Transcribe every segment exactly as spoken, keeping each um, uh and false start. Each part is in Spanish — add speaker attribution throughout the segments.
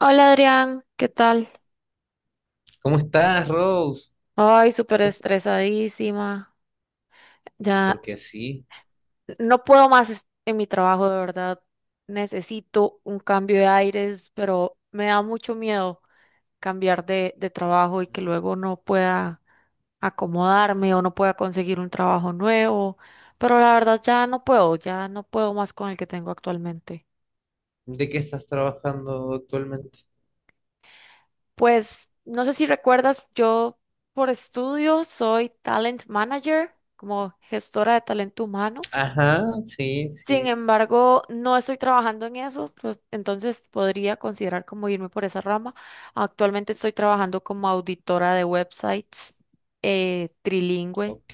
Speaker 1: Hola Adrián, ¿qué tal?
Speaker 2: ¿Cómo estás, Rose?
Speaker 1: Ay, súper estresadísima.
Speaker 2: ¿Y
Speaker 1: Ya
Speaker 2: por qué así?
Speaker 1: no puedo más est- en mi trabajo, de verdad. Necesito un cambio de aires, pero me da mucho miedo cambiar de, de trabajo y que luego no pueda acomodarme o no pueda conseguir un trabajo nuevo. Pero la verdad ya no puedo, ya no puedo más con el que tengo actualmente.
Speaker 2: ¿De qué estás trabajando actualmente?
Speaker 1: Pues no sé si recuerdas, yo por estudio soy talent manager, como gestora de talento humano.
Speaker 2: Ajá, sí,
Speaker 1: Sin
Speaker 2: sí.
Speaker 1: embargo, no estoy trabajando en eso, pues, entonces podría considerar como irme por esa rama. Actualmente estoy trabajando como auditora de websites eh, trilingüe,
Speaker 2: Ok.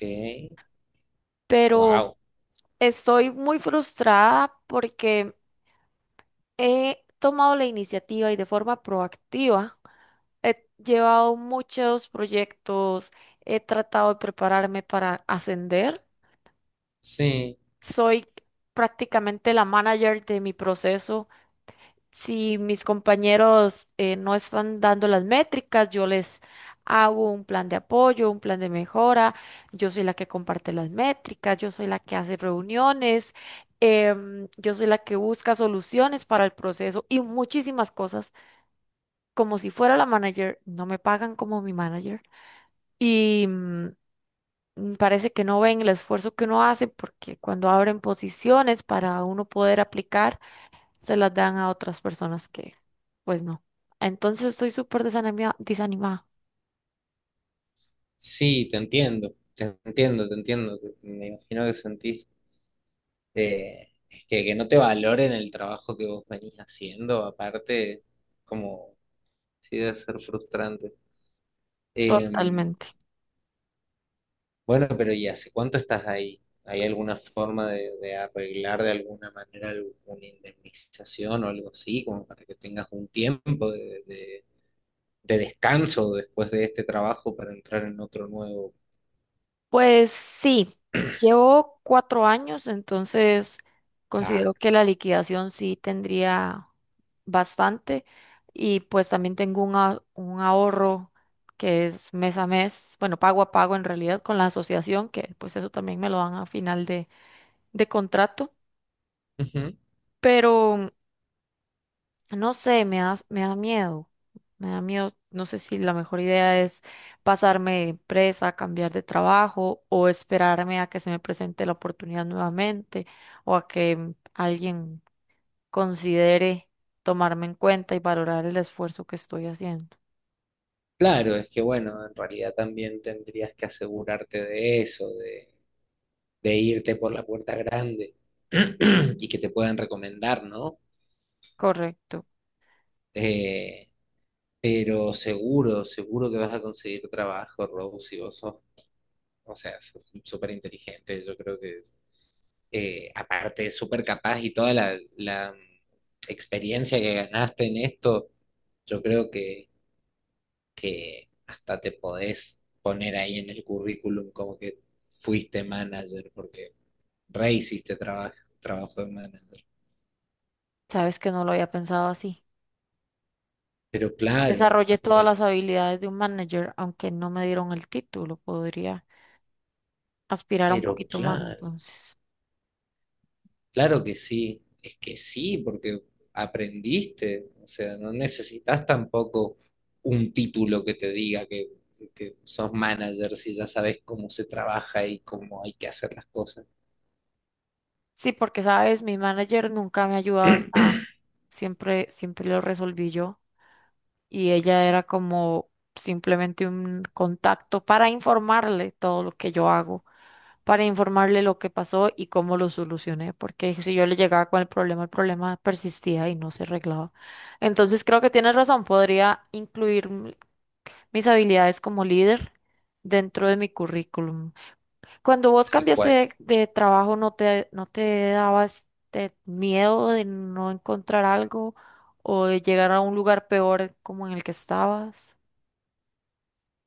Speaker 1: pero
Speaker 2: Wow.
Speaker 1: estoy muy frustrada porque he tomado la iniciativa y de forma proactiva he llevado muchos proyectos, he tratado de prepararme para ascender.
Speaker 2: Sí,
Speaker 1: Soy prácticamente la manager de mi proceso. Si mis compañeros eh, no están dando las métricas, yo les hago un plan de apoyo, un plan de mejora. Yo soy la que comparte las métricas, yo soy la que hace reuniones, em, yo soy la que busca soluciones para el proceso y muchísimas cosas. Como si fuera la manager, no me pagan como mi manager y mm, mm, parece que no ven el esfuerzo que uno hace porque cuando abren posiciones para uno poder aplicar, se las dan a otras personas que, pues no. Entonces estoy súper desanimia- desanimada,
Speaker 2: sí, te entiendo. Te entiendo, te entiendo. Me imagino que sentís eh, es que, que no te valoren el trabajo que vos venís haciendo, aparte, como sí debe ser frustrante. Eh,
Speaker 1: totalmente.
Speaker 2: Bueno, pero ¿y hace cuánto estás ahí? ¿Hay alguna forma de, de arreglar de alguna manera alguna indemnización o algo así, como para que tengas un tiempo de, de- de descanso después de este trabajo para entrar en otro nuevo?
Speaker 1: Pues sí, llevo cuatro años, entonces considero
Speaker 2: Claro.
Speaker 1: que la liquidación sí tendría bastante y pues también tengo un, a- un ahorro que es mes a mes, bueno, pago a pago en realidad con la asociación, que pues eso también me lo dan a final de, de contrato,
Speaker 2: Ujú.
Speaker 1: pero no sé, me da, me da miedo. Me da miedo. No sé si la mejor idea es pasarme de empresa, cambiar de trabajo o esperarme a que se me presente la oportunidad nuevamente o a que mm, alguien considere tomarme en cuenta y valorar el esfuerzo que estoy haciendo.
Speaker 2: Claro, es que bueno, en realidad también tendrías que asegurarte de eso, de, de irte por la puerta grande y que te puedan recomendar, ¿no?
Speaker 1: Correcto.
Speaker 2: Eh, pero seguro, seguro que vas a conseguir trabajo, Rose, si vos sos... O sea, es súper inteligente, yo creo que eh, aparte es súper capaz y toda la, la mm, experiencia que ganaste en esto, yo creo que, que hasta te podés poner ahí en el currículum como que fuiste manager, porque re hiciste trabajo, trabajo de manager.
Speaker 1: Sabes que no lo había pensado así.
Speaker 2: Pero claro,
Speaker 1: Desarrollé todas las
Speaker 2: aprovecho.
Speaker 1: habilidades de un manager, aunque no me dieron el título. Podría aspirar a un
Speaker 2: Pero
Speaker 1: poquito más
Speaker 2: claro.
Speaker 1: entonces.
Speaker 2: Claro que sí, es que sí, porque aprendiste, o sea, no necesitas tampoco un título que te diga que, que sos manager si ya sabes cómo se trabaja y cómo hay que hacer las cosas,
Speaker 1: Sí, porque sabes, mi manager nunca me ha ayudado en nada. Siempre, siempre lo resolví yo. Y ella era como simplemente un contacto para informarle todo lo que yo hago, para informarle lo que pasó y cómo lo solucioné. Porque si yo le llegaba con el problema, el problema persistía y no se arreglaba. Entonces creo que tienes razón, podría incluir m- mis habilidades como líder dentro de mi currículum. Cuando vos
Speaker 2: tal
Speaker 1: cambiaste
Speaker 2: cual.
Speaker 1: de, de trabajo, ¿no te, no te daba este miedo de no encontrar algo o de llegar a un lugar peor como en el que estabas?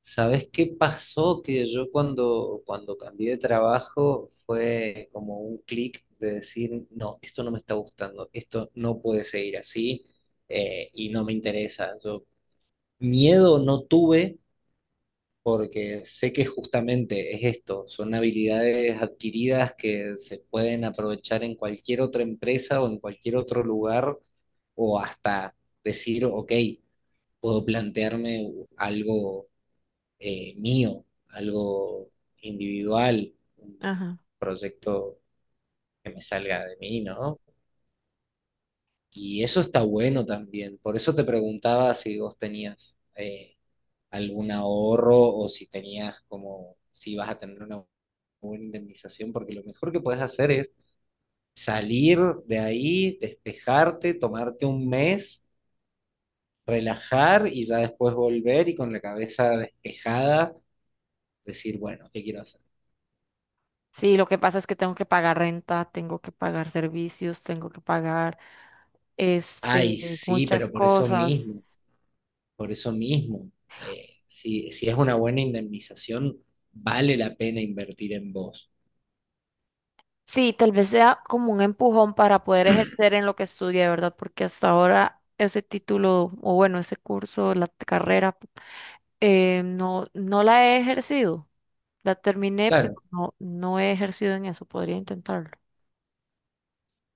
Speaker 2: ¿Sabes qué pasó? Que yo cuando, cuando cambié de trabajo fue como un clic de decir, no, esto no me está gustando, esto no puede seguir así, eh, y no me interesa. Yo miedo no tuve porque sé que justamente es esto, son habilidades adquiridas que se pueden aprovechar en cualquier otra empresa o en cualquier otro lugar, o hasta decir, ok, puedo plantearme algo eh, mío, algo individual, un
Speaker 1: Ajá.
Speaker 2: un proyecto que me salga de mí, ¿no? Y eso está bueno también, por eso te preguntaba si vos tenías... eh, algún ahorro o si tenías como, si vas a tener una buena indemnización, porque lo mejor que puedes hacer es salir de ahí, despejarte, tomarte un mes, relajar y ya después volver y con la cabeza despejada decir, bueno, ¿qué quiero hacer?
Speaker 1: Sí, lo que pasa es que tengo que pagar renta, tengo que pagar servicios, tengo que pagar este,
Speaker 2: Ay, sí,
Speaker 1: muchas
Speaker 2: pero por eso mismo,
Speaker 1: cosas.
Speaker 2: por eso mismo, eh, si, si es una buena indemnización, vale la pena invertir en vos.
Speaker 1: Sí, tal vez sea como un empujón para poder ejercer en lo que estudié, ¿verdad? Porque hasta ahora ese título, o bueno, ese curso, la carrera Eh, no, no la he ejercido. La terminé, pero
Speaker 2: Claro,
Speaker 1: no, no he ejercido en eso. Podría intentarlo.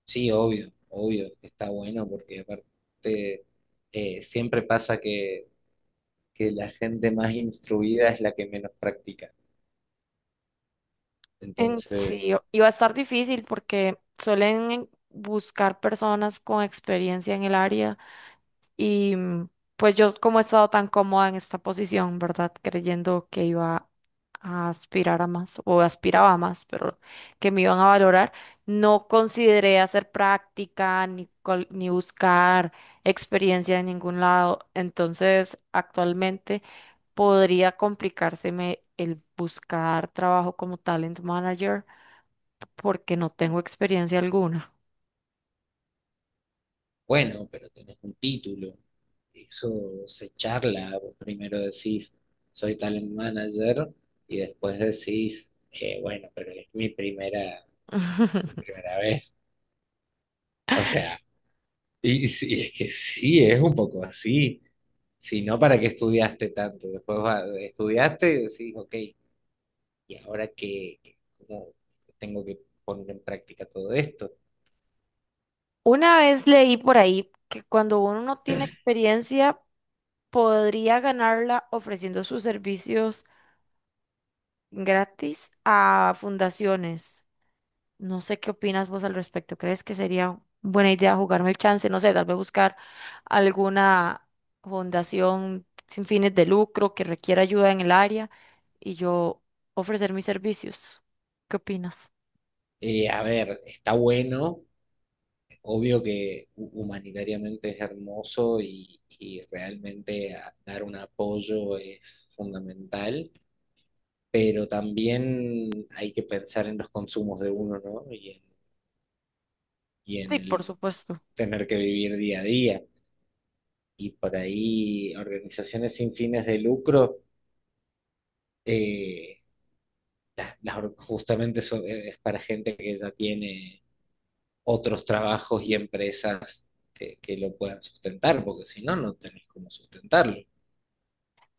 Speaker 2: sí, obvio, obvio, que está bueno porque aparte eh, siempre pasa que, que la gente más instruida es la que menos practica.
Speaker 1: En- sí,
Speaker 2: Entonces,
Speaker 1: o- y a estar difícil porque suelen buscar personas con experiencia en el área. Y mm, pues yo como he estado tan cómoda en esta posición, ¿verdad? Creyendo que iba a aspirar a más o aspiraba a más, pero que me iban a valorar, no consideré hacer práctica ni, col- ni buscar experiencia en ningún lado. Entonces, actualmente podría complicárseme el buscar trabajo como talent manager porque no tengo experiencia alguna.
Speaker 2: bueno, pero tenés un título, eso se charla, vos primero decís, soy talent manager, y después decís, eh, bueno, pero es mi primera, mi primera vez. O sea, y, sí, es que sí, es un poco así. Si no, ¿para qué estudiaste tanto? Después va- estudiaste y decís, ok. Y ahora que, que como tengo que poner en práctica todo esto.
Speaker 1: Una vez leí por ahí que cuando uno no tiene experiencia, podría ganarla ofreciendo sus servicios gratis a fundaciones. No sé qué opinas vos al respecto. ¿Crees que sería buena idea jugarme el chance? No sé, tal vez buscar alguna fundación sin fines de lucro que requiera ayuda en el área y yo ofrecer mis servicios. ¿Qué opinas?
Speaker 2: Eh, a ver, está bueno, obvio que hu- humanitariamente es hermoso y, y realmente a- dar un apoyo es fundamental, pero también hay que pensar en los consumos de uno, ¿no? Y en, y en
Speaker 1: Sí, por
Speaker 2: el
Speaker 1: supuesto.
Speaker 2: tener que vivir día a día. Y por ahí organizaciones sin fines de lucro, eh, las- las or- justamente son, es para gente que ya tiene otros trabajos y empresas que, que lo puedan sustentar, porque si no, no tenés cómo sustentarlo.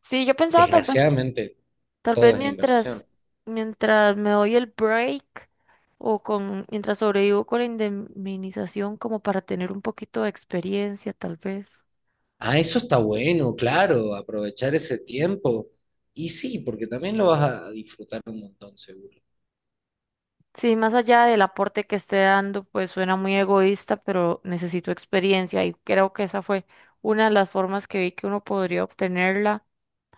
Speaker 1: Sí, yo pensaba tal vez
Speaker 2: Desgraciadamente,
Speaker 1: tal
Speaker 2: todo
Speaker 1: vez
Speaker 2: es inversión.
Speaker 1: mientras, mientras me doy el break o con, mientras sobrevivo con la indemnización como para tener un poquito de experiencia, tal vez.
Speaker 2: Ah, eso está bueno, claro, aprovechar ese tiempo. Y sí, porque también lo vas a disfrutar un montón, seguro.
Speaker 1: Sí, más allá del aporte que esté dando, pues suena muy egoísta, pero necesito experiencia y creo que esa fue una de las formas que vi que uno podría obtenerla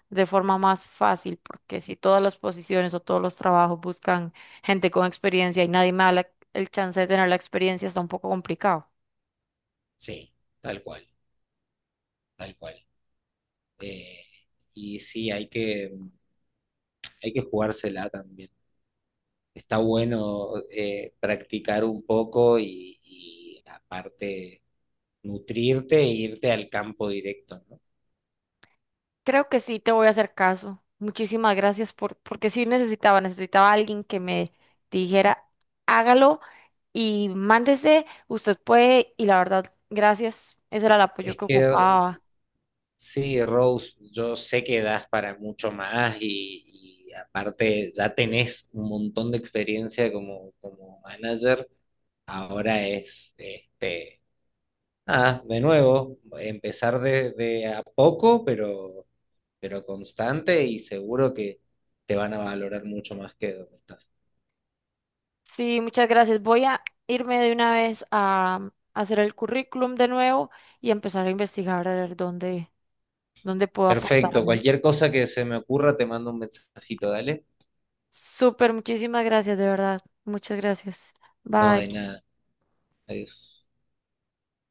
Speaker 1: de forma más fácil, porque si todas las posiciones o todos los trabajos buscan gente con experiencia y nadie me da la- el chance de tener la experiencia, está un poco complicado.
Speaker 2: Sí, tal cual, tal cual. Eh, y sí, hay que, hay que jugársela también. Está bueno, eh, practicar un poco y, y aparte nutrirte e irte al campo directo, ¿no?
Speaker 1: Creo que sí, te voy a hacer caso. Muchísimas gracias por, porque sí necesitaba, necesitaba a alguien que me dijera, hágalo y mándese, usted puede, y la verdad, gracias, ese era el apoyo
Speaker 2: Es
Speaker 1: que
Speaker 2: que
Speaker 1: ocupaba.
Speaker 2: sí, Rose, yo sé que das para mucho más y, y aparte ya tenés un montón de experiencia como, como manager. Ahora es, este, ah, de nuevo, empezar de, de a poco, pero, pero constante y seguro que te van a valorar mucho más que donde estás.
Speaker 1: Sí, muchas gracias. Voy a irme de una vez a mm, hacer el currículum de nuevo y empezar a investigar a ver dónde, dónde puedo aportar.
Speaker 2: Perfecto, cualquier cosa que se me ocurra te mando un mensajito, dale.
Speaker 1: Súper, muchísimas gracias, de verdad. Muchas gracias.
Speaker 2: No, de
Speaker 1: Bye.
Speaker 2: nada. Adiós.